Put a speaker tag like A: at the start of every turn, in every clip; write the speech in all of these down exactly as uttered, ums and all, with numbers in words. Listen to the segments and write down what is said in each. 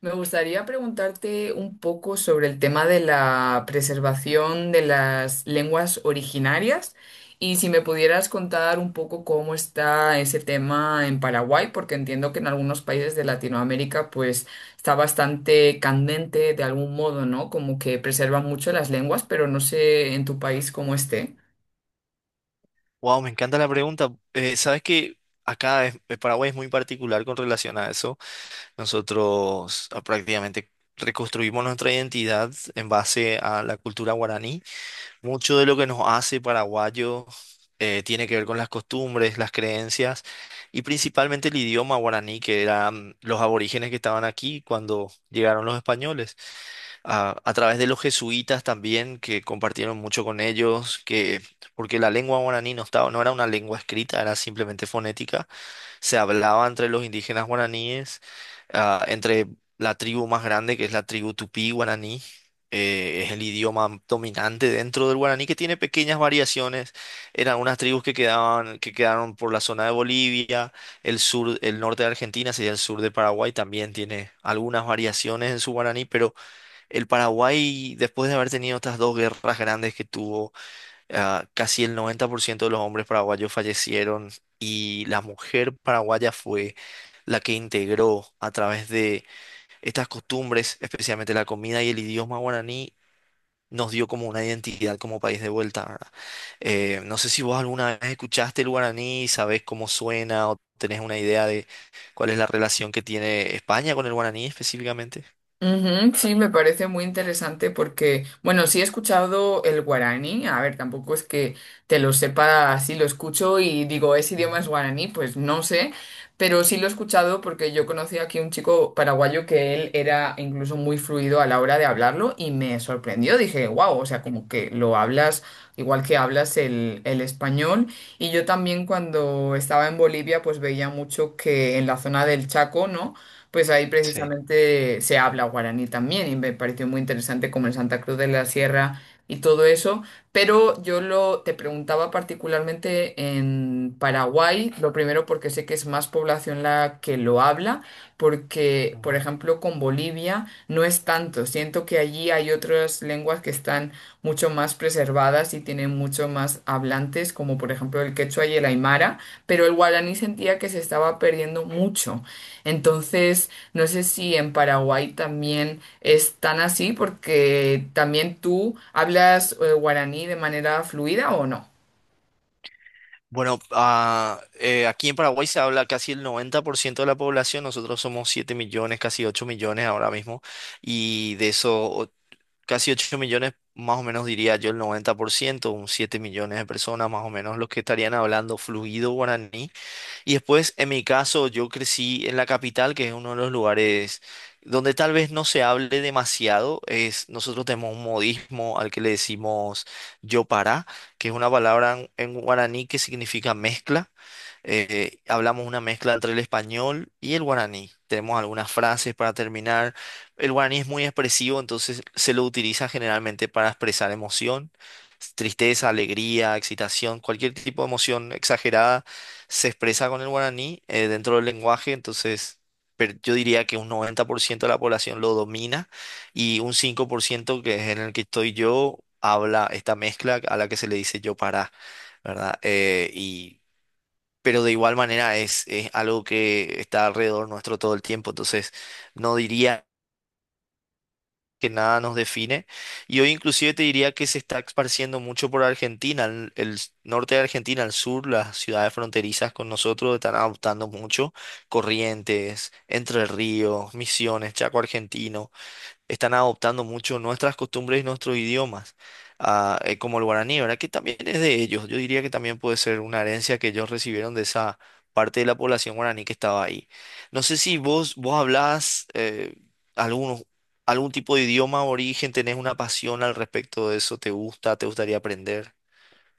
A: Me gustaría preguntarte un poco sobre el tema de la preservación de las lenguas originarias y si me pudieras contar un poco cómo está ese tema en Paraguay, porque entiendo que en algunos países de Latinoamérica pues está bastante candente de algún modo, ¿no? Como que preservan mucho las lenguas, pero no sé en tu país cómo esté.
B: Wow, me encanta la pregunta. Eh, sabes que acá es- eh, Paraguay es muy particular con relación a eso. Nosotros ah, prácticamente reconstruimos nuestra identidad en base a la cultura guaraní. Mucho de lo que nos hace paraguayos eh, tiene que ver con las costumbres, las creencias y principalmente el idioma guaraní, que eran los aborígenes que estaban aquí cuando llegaron los españoles a, a través de los jesuitas también, que compartieron mucho con ellos, que, porque la lengua guaraní no estaba, no era una lengua escrita, era simplemente fonética, se hablaba entre los indígenas guaraníes, ah, entre la tribu más grande, que es la tribu tupí guaraní, eh, es el idioma dominante dentro del guaraní, que tiene pequeñas variaciones, eran unas tribus que quedaban, que quedaron por la zona de Bolivia, el sur, el norte de Argentina, sería el sur de Paraguay, también tiene algunas variaciones en su guaraní, pero el Paraguay, después de haber tenido estas dos guerras grandes que tuvo, ah, casi el noventa por ciento de los hombres paraguayos fallecieron y la mujer paraguaya fue la que integró a través de estas costumbres, especialmente la comida y el idioma guaraní, nos dio como una identidad como país de vuelta, ¿verdad? Eh, no sé si vos alguna vez escuchaste el guaraní, sabés cómo suena o tenés una idea de cuál es la relación que tiene España con el guaraní específicamente.
A: Ujú, sí, me parece muy interesante porque, bueno, sí he escuchado el guaraní, a ver, tampoco es que te lo sepa así, lo escucho y digo, ¿ese idioma
B: Ujú,
A: es guaraní? Pues no sé, pero sí lo he escuchado porque yo conocí aquí un chico paraguayo que él era incluso muy fluido a la hora de hablarlo y me sorprendió, dije, wow, o sea, como que lo hablas igual que hablas el, el español. Y yo también cuando estaba en Bolivia, pues veía mucho que en la zona del Chaco, ¿no? Pues ahí
B: sí.
A: precisamente se habla guaraní también y me pareció muy interesante como en Santa Cruz de la Sierra y todo eso, pero yo lo te preguntaba particularmente en Paraguay, lo primero porque sé que es más población la que lo habla, porque por ejemplo con Bolivia no es tanto, siento que allí hay otras lenguas que están mucho más preservadas y tienen mucho más hablantes, como por ejemplo el quechua y el aymara, pero el guaraní sentía que se estaba perdiendo mucho. Entonces, no sé si en Paraguay también es tan así, porque también tú hablas eh, guaraní de manera fluida o no.
B: Bueno, ah, eh, aquí en Paraguay se habla casi el noventa por ciento de la población, nosotros somos siete millones, casi ocho millones ahora mismo, y de esos o- casi ocho millones, más o menos diría yo el noventa por ciento, un siete millones de personas más o menos los que estarían hablando fluido guaraní y después, en mi caso, yo crecí en la capital, que es uno de los lugares donde tal vez no se hable demasiado. Es, nosotros tenemos un modismo al que le decimos yo para, que es una palabra en, en guaraní que significa mezcla. Eh, hablamos una mezcla entre el español y el guaraní. Tenemos algunas frases para terminar. El guaraní es muy expresivo, entonces se lo utiliza generalmente para expresar emoción, tristeza, alegría, excitación, cualquier tipo de emoción exagerada se expresa con el guaraní eh, dentro del lenguaje, entonces pero yo diría que un noventa por ciento de la población lo domina y un cinco por ciento que es en el que estoy yo habla esta mezcla a la que se le dice yo para, ¿verdad? Eh, y, pero de igual manera es, es algo que está alrededor nuestro todo el tiempo, entonces no diría que nada nos define. Y hoy inclusive te diría que se está esparciendo mucho por Argentina, el, el norte de Argentina, el sur, las ciudades fronterizas con nosotros están adoptando mucho. Corrientes, Entre Ríos, Misiones, Chaco argentino están adoptando mucho nuestras costumbres y nuestros idiomas, ah, eh, como el guaraní, ¿verdad? Que también es de ellos. Yo diría que también puede ser una herencia que ellos recibieron de esa parte de la población guaraní que estaba ahí. No sé si vos, vos hablás eh, algunos- algún tipo de idioma origen, tenés una pasión al respecto de eso, ¿te gusta? ¿Te gustaría aprender?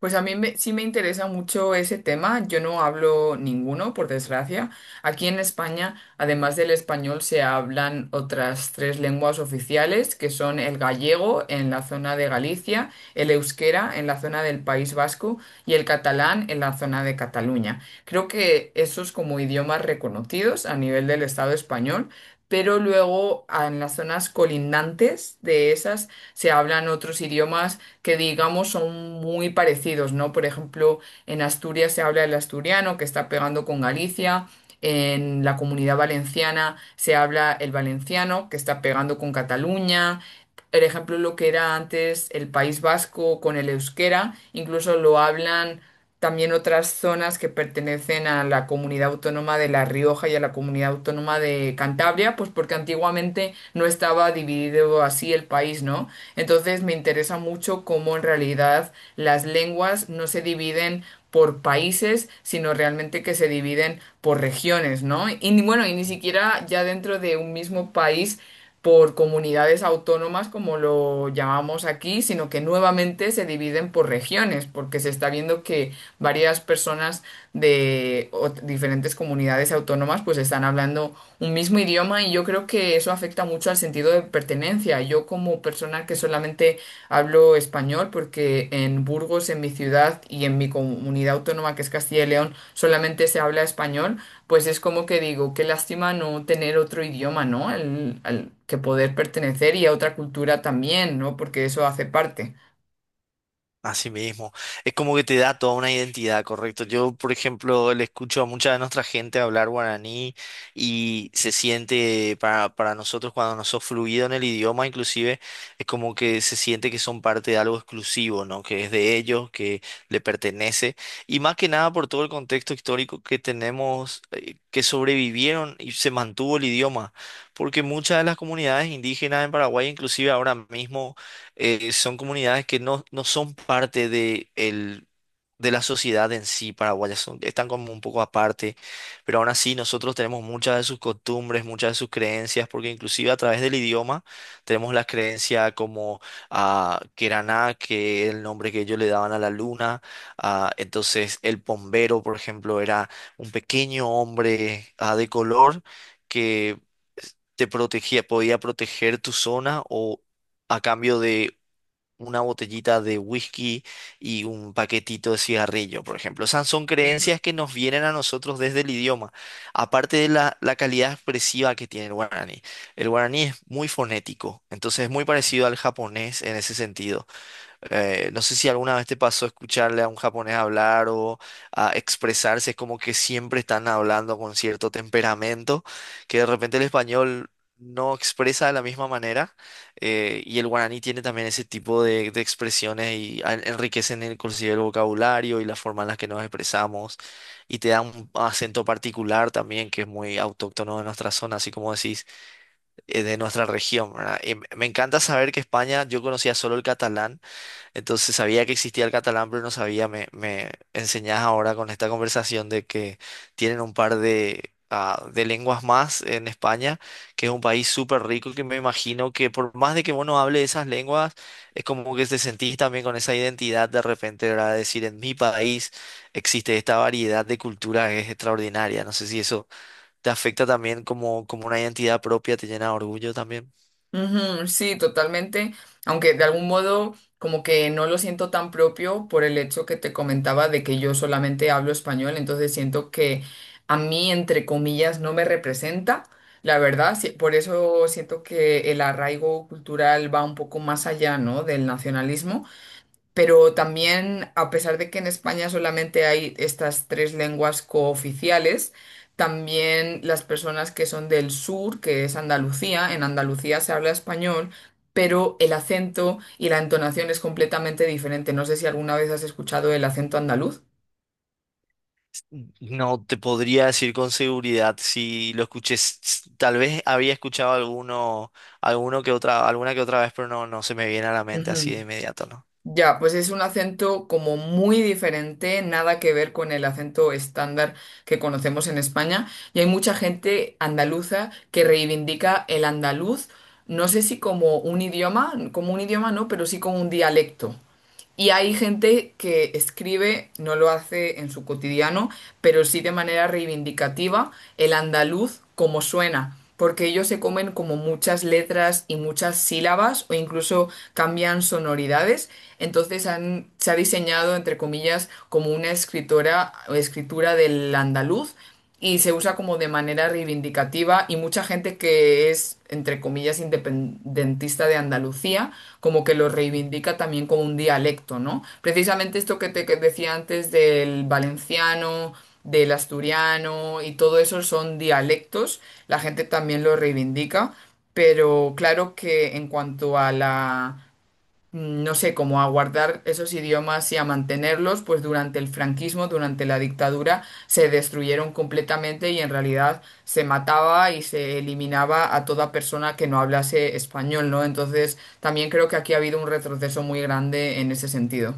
A: Pues a mí me- sí me interesa mucho ese tema. Yo no hablo ninguno, por desgracia. Aquí en España, además del español, se hablan otras tres lenguas oficiales, que son el gallego en la zona de Galicia, el euskera en la zona del País Vasco y el catalán en la zona de Cataluña. Creo que esos como idiomas reconocidos a nivel del Estado español. Pero luego ah, en las zonas colindantes de esas se hablan otros idiomas que digamos son muy parecidos, ¿no? Por ejemplo, en Asturias se habla el asturiano que está pegando con Galicia, en la Comunidad Valenciana se habla el valenciano que está pegando con Cataluña. Por ejemplo, lo que era antes el País Vasco con el euskera, incluso lo hablan también otras zonas que pertenecen a la comunidad autónoma de La Rioja y a la comunidad autónoma de Cantabria, pues porque antiguamente no estaba dividido así el país, ¿no? Entonces me interesa mucho cómo en realidad las lenguas no se dividen por países, sino realmente que se dividen por regiones, ¿no? Y ni- bueno, y ni siquiera ya dentro de un mismo país por comunidades autónomas, como lo llamamos aquí, sino que nuevamente se dividen por regiones, porque se está viendo que varias personas de ot- diferentes comunidades autónomas pues están hablando un mismo idioma y yo creo que eso afecta mucho al sentido de pertenencia. Yo como persona que solamente hablo español porque en Burgos, en mi ciudad y en mi comunidad autónoma que es Castilla y León solamente se habla español, pues es como que digo, qué lástima no tener otro idioma, ¿no? Al, al que poder pertenecer y a otra cultura también, ¿no? Porque eso hace parte.
B: Así mismo, es como que te da toda una identidad, correcto. Yo, por ejemplo, le escucho a mucha de nuestra gente hablar guaraní y se siente para, para nosotros cuando no sos fluido en el idioma, inclusive, es como que se siente que son parte de algo exclusivo, ¿no? Que es de ellos, que le pertenece. Y más que nada por todo el contexto histórico que tenemos, eh, que sobrevivieron y se mantuvo el idioma. Porque muchas de las comunidades indígenas en Paraguay, inclusive ahora mismo eh, son comunidades que no, no son parte de, el, de la sociedad en sí paraguaya, son, están como un poco aparte, pero aún así nosotros tenemos muchas de sus costumbres, muchas de sus creencias, porque inclusive a través del idioma tenemos la creencia como a Queraná, que es el nombre que ellos le daban a la luna. Ah, entonces el pombero, por ejemplo, era un pequeño hombre ah, de color que te protegía, podía proteger tu zona o a cambio de una botellita de whisky y un paquetito de cigarrillo, por ejemplo. Esas son creencias que nos vienen a nosotros desde el idioma, aparte de la, la calidad expresiva que tiene el guaraní. El guaraní es muy fonético, entonces es muy parecido al japonés en ese sentido. Eh, no sé si alguna vez te pasó escucharle a un japonés hablar o a expresarse, es como que siempre están hablando con cierto temperamento, que de repente el español no expresa de la misma manera, eh, y el guaraní tiene también ese tipo de, de expresiones y a- enriquecen inclusive el vocabulario y la forma en la que nos expresamos, y te da un acento particular también que es muy autóctono de nuestra zona, así como decís, eh, de nuestra región, ¿verdad? Y me me encanta saber que España, yo conocía solo el catalán, entonces sabía que existía el catalán, pero no sabía. Me, me enseñás ahora con esta conversación de que tienen un par de, ah, de lenguas más en España, que es un país súper rico, que me imagino que por más de que vos hable hables esas lenguas, es como que te sentís también con esa identidad de repente, ¿verdad? Decir, en mi país existe esta variedad de cultura que es extraordinaria. No sé si eso te afecta también como, como una identidad propia, te llena de orgullo también.
A: Ujú, sí, totalmente, aunque de algún modo como que no lo siento tan propio por el hecho que te comentaba de que yo solamente hablo español, entonces siento que a mí, entre comillas, no me representa, la verdad, sí, por eso siento que el arraigo cultural va un poco más allá, ¿no? Del nacionalismo. Pero también, a pesar de que en España solamente hay estas tres lenguas cooficiales, también las personas que son del sur, que es Andalucía, en Andalucía se habla español, pero el acento y la entonación es completamente diferente. ¿No sé si alguna vez has escuchado el acento andaluz?
B: No te podría decir con seguridad si lo escuché. s- s- Tal vez había escuchado alguno, alguno que otra, alguna que otra vez, pero no, no se me viene a la mente así
A: Ujú.
B: de inmediato, ¿no?
A: Ya, pues es un acento como muy diferente, nada que ver con el acento estándar que conocemos en España. Y hay mucha gente andaluza que reivindica el andaluz, no sé si como un idioma, como un idioma no, pero sí como un dialecto. Y hay gente que escribe, no lo hace en su cotidiano, pero sí de manera reivindicativa el andaluz como suena, porque ellos se comen como muchas letras y muchas sílabas o incluso cambian sonoridades. Entonces han- se ha diseñado, entre comillas, como una escritora o escritura del andaluz y se usa como de manera reivindicativa y mucha gente que es, entre comillas, independentista de Andalucía, como que lo reivindica también como un dialecto, ¿no? Precisamente esto que te que decía antes del valenciano, del asturiano y todo eso son dialectos, la gente también lo reivindica, pero claro que en cuanto a la mm, no sé, como a guardar esos idiomas y a mantenerlos, pues durante el franquismo, durante la dictadura, se destruyeron completamente y en realidad se mataba y se eliminaba a toda persona que no hablase español, ¿no? Entonces, también creo que aquí ha habido un retroceso muy grande en ese sentido.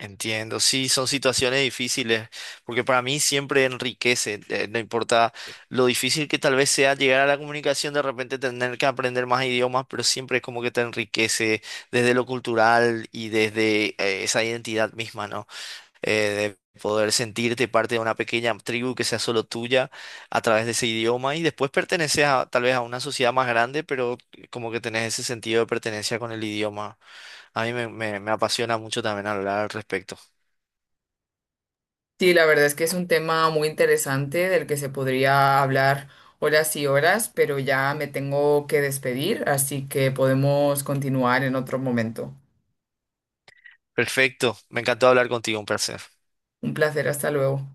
B: Entiendo. Sí, son situaciones difíciles, porque para mí siempre enriquece, eh, no importa lo difícil que tal vez sea llegar a la comunicación, de repente tener que aprender más idiomas, pero siempre es como que te enriquece desde lo cultural y desde, eh, esa identidad misma, ¿no? eh, de poder sentirte parte de una pequeña tribu que sea solo tuya a través de ese idioma y después perteneces a, tal vez a una sociedad más grande, pero como que tenés ese sentido de pertenencia con el idioma. A mí me, me me apasiona mucho también hablar al respecto.
A: Sí, la verdad es que es un tema muy interesante del que se podría hablar horas y horas, pero ya me tengo que despedir, así que podemos continuar en otro momento.
B: Perfecto, me encantó hablar contigo, un placer.
A: Un placer, hasta luego.